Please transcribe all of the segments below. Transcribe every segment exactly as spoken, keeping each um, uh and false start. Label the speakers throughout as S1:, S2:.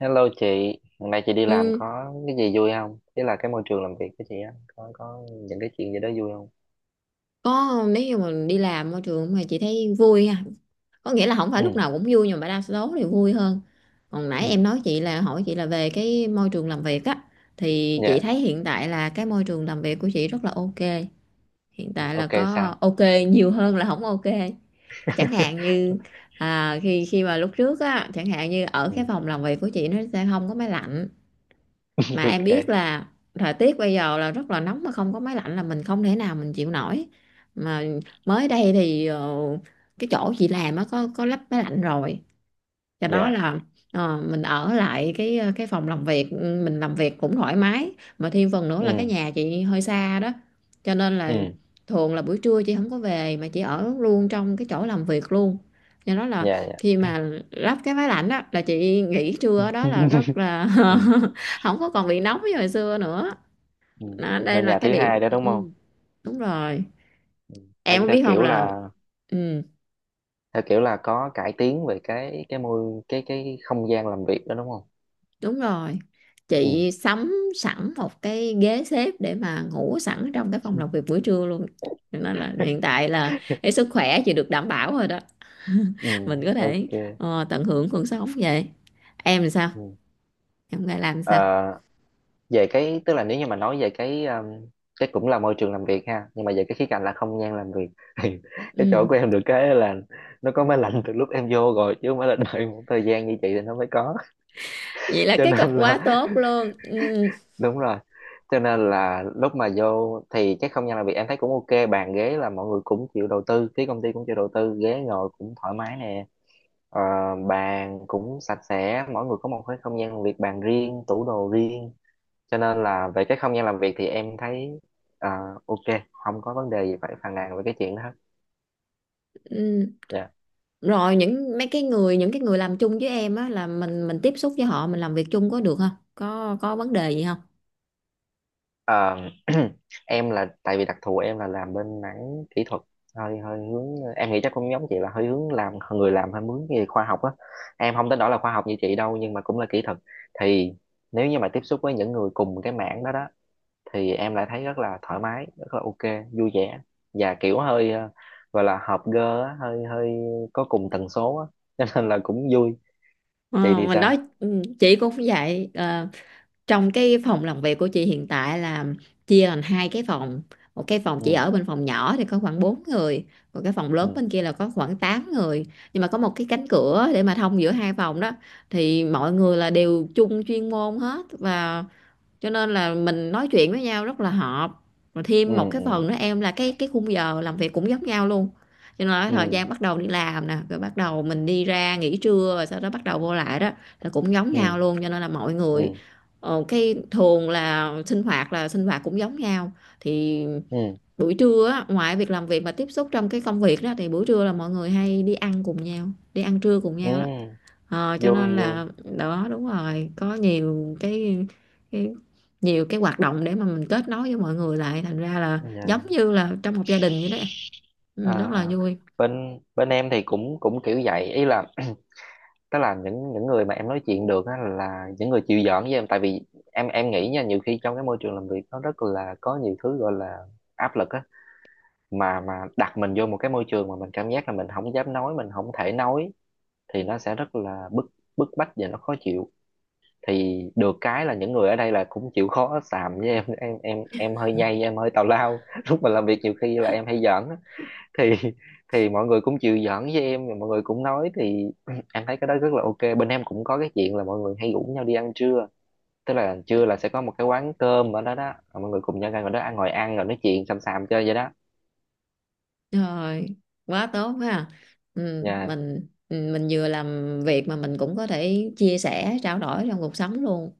S1: Hello chị, hôm nay chị đi làm
S2: Ừ,
S1: có cái gì vui không? Thế là cái môi trường làm việc của chị á, có có những cái chuyện gì đó vui không?
S2: có. Nếu như mà đi làm môi trường mà chị thấy vui ha, có nghĩa là không phải
S1: Ừ,
S2: lúc nào cũng vui nhưng mà đa số thì vui hơn. Còn
S1: ừ,
S2: nãy em nói chị là hỏi chị là về cái môi trường làm việc á, thì chị
S1: dạ,
S2: thấy hiện tại là cái môi trường làm việc của chị rất là ok. Hiện tại là
S1: ok
S2: có
S1: sao?
S2: ok nhiều hơn là không ok. Chẳng hạn như, à, khi khi mà lúc trước á, chẳng hạn như ở cái
S1: Ừ,
S2: phòng làm việc của chị nó sẽ không có máy lạnh, mà em biết
S1: ok,
S2: là thời tiết bây giờ là rất là nóng, mà không có máy lạnh là mình không thể nào mình chịu nổi. Mà mới đây thì ờ, cái chỗ chị làm á có có lắp máy lạnh rồi. Do đó
S1: dạ,
S2: là, ờ, mình ở lại cái ờ, cái phòng làm việc, ừ, mình làm việc cũng thoải mái. Mà thêm phần nữa là cái
S1: ừ,
S2: nhà chị hơi xa đó, cho nên là
S1: ừ,
S2: thường là buổi trưa chị không có về mà chị ở luôn trong cái chỗ làm việc luôn. Do đó là
S1: dạ,
S2: khi
S1: dạ.
S2: mà lắp cái máy lạnh đó là chị nghỉ trưa ở đó là rất là
S1: Ừ,
S2: không có còn bị nóng như hồi xưa nữa.
S1: ừ.
S2: Đó,
S1: Ở
S2: đây là
S1: nhà
S2: cái
S1: thứ
S2: điểm,
S1: hai đó đúng không?
S2: ừ, đúng rồi.
S1: Ừ. Theo,
S2: Em có
S1: theo
S2: biết không
S1: kiểu
S2: là,
S1: là
S2: ừ,
S1: theo kiểu là có cải tiến về cái cái môi cái cái không gian làm việc đó đúng không?
S2: đúng rồi,
S1: Ừ.
S2: chị sắm sẵn một cái ghế xếp để mà ngủ sẵn trong cái phòng làm việc buổi trưa luôn. Cho nên là hiện tại là cái sức khỏe chị được đảm bảo rồi đó.
S1: Ừ,
S2: Mình có thể,
S1: ok.
S2: ờ, tận hưởng cuộc sống vậy. Em làm sao,
S1: Ừ.
S2: em phải làm
S1: Ờ,
S2: sao.
S1: về cái tức là nếu như mà nói về cái um, cái cũng là môi trường làm việc ha, nhưng mà về cái khía cạnh là không gian làm việc, thì cái chỗ
S2: Ừ.
S1: của em được cái là nó có máy lạnh từ lúc em vô rồi, chứ không phải là đợi một thời gian như chị thì nó mới có.
S2: Vậy là
S1: Cho
S2: cái cực
S1: nên
S2: quá
S1: là
S2: tốt luôn. Ừ.
S1: đúng rồi, cho nên là lúc mà vô thì cái không gian làm việc em thấy cũng ok, bàn ghế là mọi người cũng chịu đầu tư, phía công ty cũng chịu đầu tư, ghế ngồi cũng thoải mái nè, ờ, bàn cũng sạch sẽ, mỗi người có một cái không gian làm việc, bàn riêng, tủ đồ riêng. Cho nên là về cái không gian làm việc thì em thấy, ờ, ok, không có vấn đề gì phải phàn nàn về cái chuyện đó hết.
S2: Ừ.
S1: Dạ.
S2: Rồi những mấy cái người, những cái người làm chung với em á là mình mình tiếp xúc với họ, mình làm việc chung có được không, có có vấn đề gì không?
S1: Ờ, em là tại vì đặc thù em là làm bên mảng kỹ thuật, hơi hơi hướng, em nghĩ chắc cũng giống chị là hơi hướng làm, người làm hơi hướng về khoa học á, em không tới đó là khoa học như chị đâu nhưng mà cũng là kỹ thuật. Thì nếu như mà tiếp xúc với những người cùng cái mảng đó đó thì em lại thấy rất là thoải mái, rất là ok, vui vẻ, và kiểu hơi ờ, gọi là hợp gơ á, hơi hơi có cùng tần số á. Cho nên là cũng vui. Chị
S2: Ờ,
S1: thì
S2: mình
S1: sao?
S2: nói, ừ, chị cũng vậy. Ờ, trong cái phòng làm việc của chị hiện tại là chia thành hai cái phòng. Một cái phòng chị
S1: Ừ,
S2: ở bên phòng nhỏ thì có khoảng bốn người, còn cái phòng lớn
S1: ừ,
S2: bên kia là có khoảng tám người. Nhưng mà có một cái cánh cửa để mà thông giữa hai phòng đó, thì mọi người là đều chung chuyên môn hết, và cho nên là mình nói chuyện với nhau rất là hợp. Rồi
S1: ừ,
S2: thêm một cái phần
S1: ừ,
S2: nữa em là cái cái khung giờ làm việc cũng giống nhau luôn. Cho nên là
S1: ừ,
S2: thời gian bắt đầu đi làm nè, rồi bắt đầu mình đi ra nghỉ trưa, rồi sau đó bắt đầu vô lại đó là cũng giống nhau
S1: ừ,
S2: luôn. Cho nên là mọi người,
S1: ừ,
S2: ờ, cái thường là sinh hoạt, là sinh hoạt cũng giống nhau. Thì
S1: ừ,
S2: buổi trưa á, ngoài việc làm việc mà tiếp xúc trong cái công việc đó thì buổi trưa là mọi người hay đi ăn cùng nhau, đi ăn trưa cùng nhau đó.
S1: ừ,
S2: Ờ, cho nên
S1: vui vui.
S2: là, đó, đúng rồi, có nhiều cái, cái nhiều cái hoạt động để mà mình kết nối với mọi người lại, thành ra là
S1: Dạ.
S2: giống
S1: Dạ.
S2: như là trong một gia đình vậy đó em.
S1: À,
S2: Ừ, rất là
S1: à.
S2: vui.
S1: Bên bên em thì cũng cũng kiểu vậy, ý là tức là những những người mà em nói chuyện được á là những người chịu giỡn với em. Tại vì em em nghĩ nha, nhiều khi trong cái môi trường làm việc nó rất là có nhiều thứ gọi là áp lực á, mà mà đặt mình vô một cái môi trường mà mình cảm giác là mình không dám nói, mình không thể nói, thì nó sẽ rất là bức bức bách và nó khó chịu. Thì được cái là những người ở đây là cũng chịu khó xàm với em em em em hơi nhây, em hơi tào lao, lúc mà làm việc nhiều khi là em hay giỡn á. thì thì mọi người cũng chịu giỡn với em, mọi người cũng nói. Thì em thấy cái đó rất là ok. Bên em cũng có cái chuyện là mọi người hay rủ nhau đi ăn trưa, tức là trưa là sẽ có một cái quán cơm ở đó đó, mọi người cùng nhau ra ngồi đó ăn, ngồi ăn rồi nói chuyện xàm xàm chơi vậy đó.
S2: Rồi, quá tốt ha, ừ,
S1: Dạ,
S2: mình ừ, mình vừa làm việc mà mình cũng có thể chia sẻ trao đổi trong cuộc sống luôn,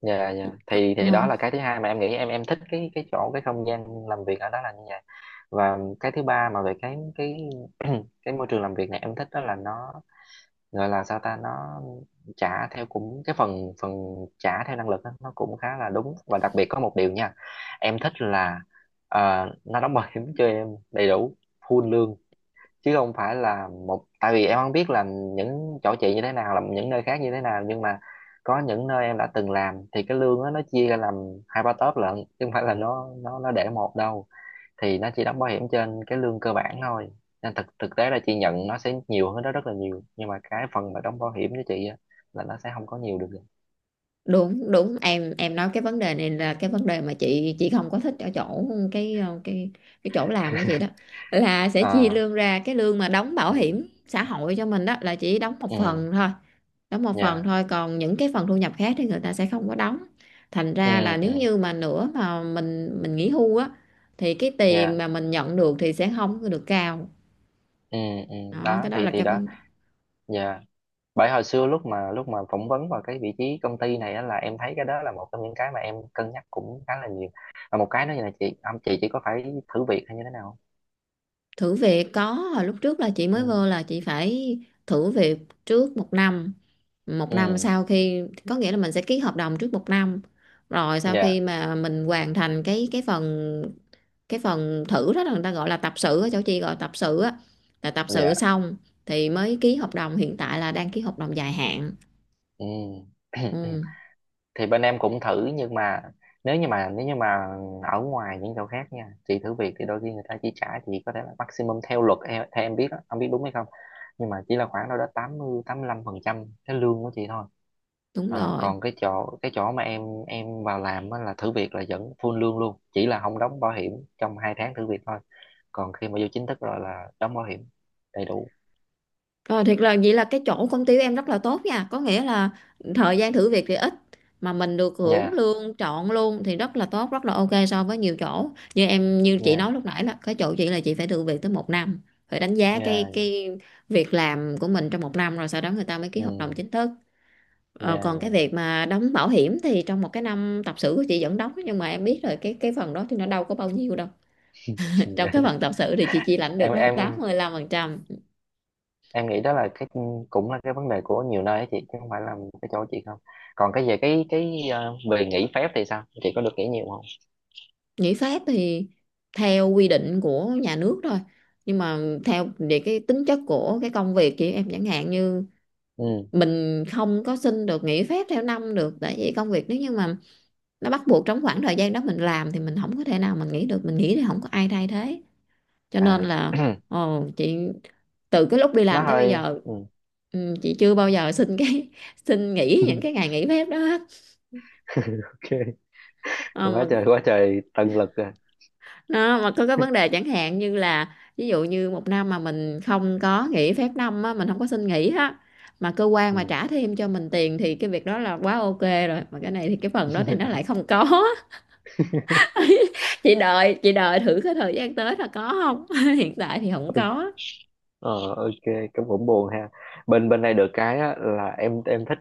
S1: dạ, dạ, thì
S2: đúng
S1: thì đó
S2: không?
S1: là cái thứ hai mà em nghĩ em em thích cái cái chỗ, cái không gian làm việc ở đó là như vậy. Và cái thứ ba mà về cái cái cái môi trường làm việc này em thích đó là nó gọi là sao ta, nó trả theo cũng cái phần phần trả theo năng lực đó, nó cũng khá là đúng. Và đặc biệt có một điều nha, em thích là ờ, nó đóng bảo hiểm cho em đầy đủ, full lương chứ không phải là một, tại vì em không biết là những chỗ chị như thế nào, là những nơi khác như thế nào, nhưng mà có những nơi em đã từng làm thì cái lương á nó chia ra làm hai ba tốp lận, chứ không phải là nó nó nó để một đâu, thì nó chỉ đóng bảo hiểm trên cái lương cơ bản thôi, nên thực thực tế là chị nhận nó sẽ nhiều hơn đó rất là nhiều, nhưng mà cái phần mà đóng bảo hiểm cho chị á là nó sẽ không có nhiều được.
S2: Đúng, đúng, em em nói cái vấn đề này là cái vấn đề mà chị chị không có thích ở chỗ cái, ờ, cái cái chỗ làm của chị đó là sẽ chia
S1: À,
S2: lương ra, cái lương mà đóng bảo
S1: ừ,
S2: hiểm xã hội cho mình đó là chỉ đóng một
S1: ừ,
S2: phần thôi, đóng một phần
S1: dạ,
S2: thôi, còn những cái phần thu nhập khác thì người ta sẽ không có đóng. Thành
S1: ừ,
S2: ra là
S1: ừ,
S2: nếu như mà nữa mà mình mình nghỉ hưu á thì cái tiền
S1: dạ,
S2: mà mình nhận được thì sẽ không có được cao.
S1: ừ, ừ,
S2: Đó,
S1: đó,
S2: cái đó
S1: thì
S2: là
S1: thì
S2: cái
S1: đó.
S2: vấn...
S1: Dạ, bởi hồi xưa lúc mà lúc mà phỏng vấn vào cái vị trí công ty này á là em thấy cái đó là một trong những cái mà em cân nhắc cũng khá là nhiều. Và một cái nữa là chị, ông chị chỉ có phải thử việc hay như thế nào không?
S2: Thử việc có, hồi lúc trước là chị mới
S1: Ừ,
S2: vô là chị phải thử việc trước một năm. Một
S1: ừ,
S2: năm sau khi, có nghĩa là mình sẽ ký hợp đồng trước một năm, rồi sau
S1: dạ,
S2: khi mà mình hoàn thành cái cái phần, cái phần thử đó là người ta gọi là tập sự, ở chỗ chị gọi tập sự á, là tập sự
S1: dạ,
S2: xong thì mới ký hợp đồng. Hiện tại là đang ký hợp đồng dài hạn.
S1: ừ.
S2: Ừ,
S1: Thì bên em cũng thử, nhưng mà nếu như mà nếu như mà ở ngoài những chỗ khác nha, chị thử việc thì đôi khi người ta chỉ trả chị có thể là maximum theo luật, theo, theo em biết đó, không biết đúng hay không, nhưng mà chỉ là khoảng đâu đó tám, tám mươi, tám mươi lăm phần trăm cái lương của chị thôi.
S2: đúng
S1: À,
S2: rồi.
S1: còn cái chỗ, cái chỗ mà em em vào làm á là thử việc là vẫn full lương luôn, chỉ là không đóng bảo hiểm trong hai tháng thử việc thôi. Còn khi mà vô chính thức rồi là đóng bảo hiểm đầy đủ.
S2: Ờ, thiệt là vậy, là cái chỗ công ty của em rất là tốt nha, có nghĩa là thời gian thử việc thì ít mà mình được hưởng
S1: Dạ,
S2: lương trọn luôn, thì rất là tốt, rất là ok so với nhiều chỗ. Như em, như chị
S1: dạ,
S2: nói lúc nãy là cái chỗ chị là chị phải thử việc tới một năm, phải đánh giá cái
S1: dạ,
S2: cái việc làm của mình trong một năm, rồi sau đó người ta mới ký hợp đồng
S1: ừ,
S2: chính thức. Ờ,
S1: dạ,
S2: còn cái
S1: dạ.
S2: việc mà đóng bảo hiểm thì trong một cái năm tập sự của chị vẫn đóng, nhưng mà em biết rồi, cái cái phần đó thì nó đâu có bao nhiêu đâu. Trong cái phần tập sự thì chị chỉ lãnh
S1: em
S2: được là tám
S1: em
S2: mươi lăm phần trăm
S1: em nghĩ đó là cái cũng là cái vấn đề của nhiều nơi ấy chị, chứ không phải là cái chỗ chị không. Còn cái về cái cái ờ, về nghỉ phép thì sao, chị có được nghỉ nhiều không?
S2: Nghỉ phép thì theo quy định của nhà nước thôi, nhưng mà theo về cái tính chất của cái công việc chị, em chẳng hạn như,
S1: Ừ,
S2: mình không có xin được nghỉ phép theo năm được, tại vì công việc nếu như mà nó bắt buộc trong khoảng thời gian đó mình làm thì mình không có thể nào mình nghỉ được, mình nghỉ thì không có ai thay thế. Cho nên
S1: à,
S2: là, ồ, chị, từ cái lúc đi
S1: nó
S2: làm tới bây
S1: hơi
S2: giờ,
S1: ừ.
S2: ừ, chị chưa bao giờ xin cái xin nghỉ những cái ngày nghỉ phép đó hết. Ờ,
S1: Ok, quá
S2: mà
S1: trời quá trời tận lực rồi.
S2: đó, mà có cái vấn đề chẳng hạn như là, ví dụ như một năm mà mình không có nghỉ phép năm á, mình không có xin nghỉ á, mà cơ quan mà trả thêm cho mình tiền, thì cái việc đó là quá ok rồi, mà cái này thì cái phần đó thì nó
S1: Ừ.
S2: lại không có. chị đợi chị đợi thử cái thời gian tới là có không. Hiện tại thì không có.
S1: Ờ, ok, cũng cũng buồn ha. Bên bên này được cái á, là em em thích,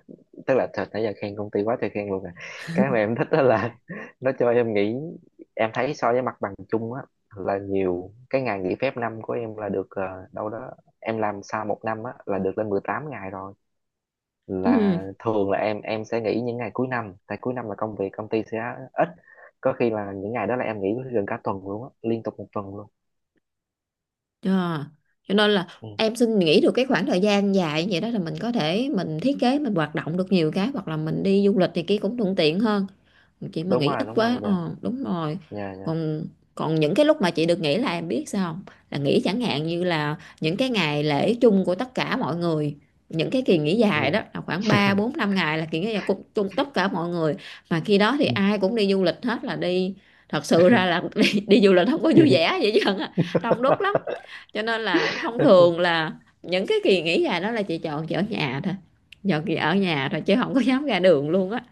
S1: tức là thật nãy giờ khen công ty quá trời khen luôn à. Cái mà em thích đó là nó cho em nghỉ. Em thấy so với mặt bằng chung á là nhiều, cái ngày nghỉ phép năm của em là được ờ, đâu đó, em làm sau một năm á là được lên mười tám ngày rồi.
S2: Ừ.
S1: Là thường là em em sẽ nghỉ những ngày cuối năm, tại cuối năm là công việc công ty sẽ ít. Có khi là những ngày đó là em nghỉ gần cả tuần luôn á, liên tục một tuần luôn.
S2: Ờ. Cho nên là
S1: Ừ,
S2: em xin nghỉ được cái khoảng thời gian dài như vậy đó là mình có thể mình thiết kế, mình hoạt động được nhiều cái, hoặc là mình đi du lịch thì kia cũng thuận tiện hơn. Chị mà
S1: đúng
S2: nghỉ
S1: rồi,
S2: ít
S1: đúng
S2: quá,
S1: rồi, dạ.
S2: ờ, đúng rồi.
S1: Dạ, dạ.
S2: Còn còn những cái lúc mà chị được nghỉ là em biết sao không, là nghỉ chẳng hạn như là những cái ngày lễ chung của tất cả mọi người, những cái kỳ nghỉ
S1: Ừ.
S2: dài đó là khoảng ba bốn năm ngày, là kỳ nghỉ dài của chung tất cả mọi người. Mà khi đó thì ai cũng đi du lịch hết, là đi, thật sự ra là đi, đi du lịch không có vui vẻ vậy chứ, đông đúc lắm. Cho nên là thông thường là những cái kỳ nghỉ dài đó là chị chọn chị ở nhà thôi, chọn chị ở nhà thôi chứ không có dám ra đường luôn á,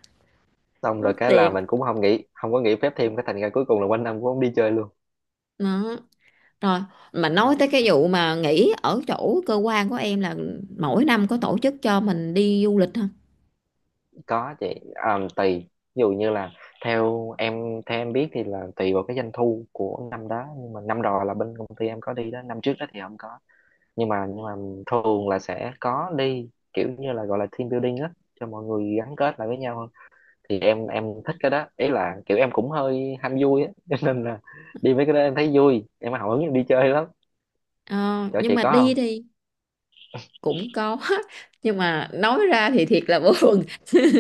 S1: Xong
S2: mất
S1: rồi cái là
S2: tiền.
S1: mình cũng không nghĩ, không có nghỉ phép thêm, cái thành ra cuối cùng là quanh năm cũng không đi chơi luôn.
S2: Đó, rồi, mà nói tới cái vụ mà nghỉ ở chỗ cơ quan của em là mỗi năm có tổ chức cho mình đi du lịch không?
S1: Có chị, à, tùy, ví dụ như là theo em, theo em biết thì là tùy vào cái doanh thu của năm đó, nhưng mà năm rồi là bên công ty em có đi đó, năm trước đó thì không có, nhưng mà nhưng mà thường là sẽ có đi, kiểu như là gọi là team building á, cho mọi người gắn kết lại với nhau hơn. Thì em em thích cái đó, ý là kiểu em cũng hơi ham vui á. Cho nên là đi mấy cái đó em thấy vui, em hào hứng, em đi chơi lắm.
S2: Ờ,
S1: Chỗ
S2: nhưng
S1: chị
S2: mà
S1: có
S2: đi
S1: không?
S2: thì cũng có. Nhưng mà nói ra thì thiệt là buồn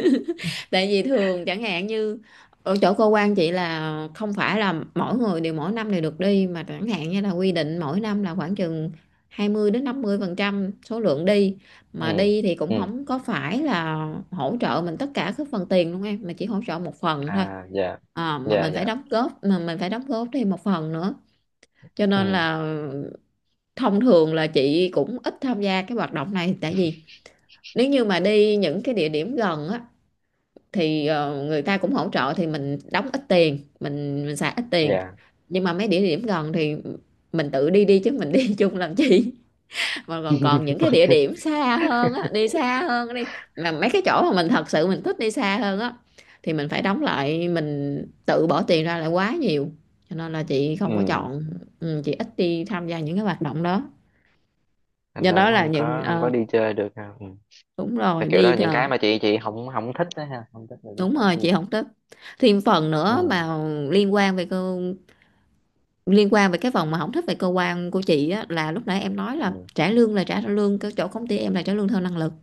S2: tại vì thường chẳng hạn như ở chỗ cơ quan chị là không phải là mỗi người đều mỗi năm đều được đi, mà chẳng hạn như là quy định mỗi năm là khoảng chừng hai mươi đến năm mươi phần trăm số lượng đi.
S1: Ừ,
S2: Mà đi thì cũng
S1: ừ,
S2: không có phải là hỗ trợ mình tất cả các phần tiền luôn em, mà chỉ hỗ trợ một phần thôi.
S1: à, dạ,
S2: Ờ, mà
S1: dạ,
S2: mình phải
S1: dạ,
S2: đóng góp, mà mình phải đóng góp thêm một phần nữa. Cho nên
S1: ừ,
S2: là thông thường là chị cũng ít tham gia cái hoạt động này, tại vì nếu như mà đi những cái địa điểm gần á thì ờ, người ta cũng hỗ trợ, thì mình đóng ít tiền, mình mình xài ít tiền.
S1: dạ.
S2: Nhưng mà mấy địa điểm gần thì mình tự đi đi chứ mình đi chung làm chi. Còn còn còn những cái
S1: Ok.
S2: địa điểm xa hơn á, đi xa hơn đi, mà mấy cái chỗ mà mình thật sự mình thích đi xa hơn á thì mình phải đóng lại, mình tự bỏ tiền ra lại quá nhiều, cho nên là chị không có
S1: Ừ,
S2: chọn. Ừ, chị ít đi tham gia những cái hoạt động đó.
S1: thành
S2: Do
S1: ra
S2: đó
S1: cũng
S2: là
S1: không
S2: những,
S1: có, không có
S2: ờ,
S1: đi chơi được ha. Ừ.
S2: đúng
S1: Tại
S2: rồi
S1: kiểu đó
S2: đi,
S1: là những
S2: ờ,
S1: cái mà chị chị không không thích đó ha, không thích được cái
S2: đúng
S1: chỗ
S2: rồi,
S1: chị
S2: chị
S1: làm.
S2: không thích. Thêm phần
S1: Ừ,
S2: nữa mà liên quan về cơ, liên quan về cái phần mà không thích về cơ quan của chị á là lúc nãy em nói là
S1: ừ,
S2: trả lương, là trả lương cái chỗ công ty em là trả lương theo năng lực.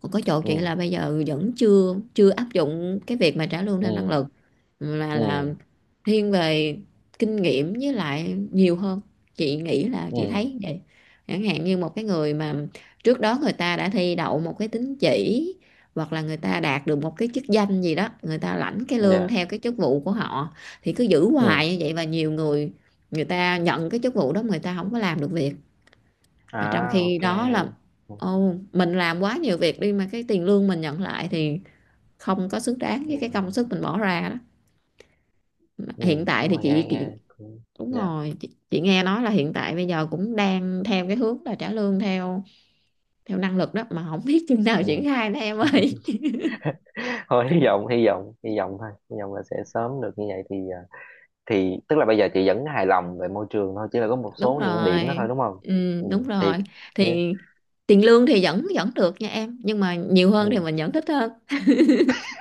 S2: Còn có chỗ chị
S1: ừ,
S2: là bây giờ vẫn chưa chưa áp dụng cái việc mà trả lương
S1: ừ,
S2: theo năng lực, mà là
S1: ừ,
S2: thiên về kinh nghiệm với lại nhiều hơn. Chị nghĩ là chị
S1: ừ,
S2: thấy vậy. Chẳng hạn như một cái người mà trước đó người ta đã thi đậu một cái tín chỉ, hoặc là người ta đạt được một cái chức danh gì đó, người ta lãnh cái lương
S1: dạ,
S2: theo cái chức vụ của họ thì cứ giữ
S1: ừ,
S2: hoài như vậy. Và nhiều người, người ta nhận cái chức vụ đó, người ta không có làm được việc, mà trong
S1: à,
S2: khi
S1: ok,
S2: đó
S1: hiểu,
S2: là,
S1: ừ,
S2: ồ, mình làm quá nhiều việc đi mà cái tiền lương mình nhận lại thì không có xứng đáng với cái công
S1: ừ,
S2: sức mình bỏ ra đó. Mà
S1: ừ.
S2: hiện tại
S1: Đúng
S2: thì
S1: rồi, nghe
S2: chị, chị
S1: nghe cũng
S2: đúng
S1: dạ
S2: rồi, chị, chị nghe nói là hiện tại bây giờ cũng đang theo cái hướng là trả lương theo theo năng lực đó, mà không biết chừng nào triển
S1: ừ.
S2: khai nữa em ơi.
S1: Thôi hy vọng, hy vọng, hy vọng thôi, hy vọng là sẽ sớm được như vậy, thì thì tức là bây giờ chị vẫn hài lòng về môi trường thôi, chỉ là có một
S2: Đúng
S1: số những
S2: rồi.
S1: điểm đó thôi đúng không?
S2: Ừ,
S1: Ừ,
S2: đúng rồi.
S1: thiệt
S2: Thì
S1: nhé.
S2: tiền lương thì vẫn vẫn được nha em, nhưng mà nhiều hơn thì
S1: Ừ.
S2: mình vẫn thích hơn.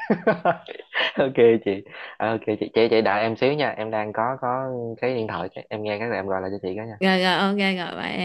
S1: Ok chị. À, ok, chị chị chị đợi em xíu nha, em đang có có cái điện thoại, em nghe cái là em gọi lại cho chị cái nha.
S2: Rồi rồi, ok, rồi bye em.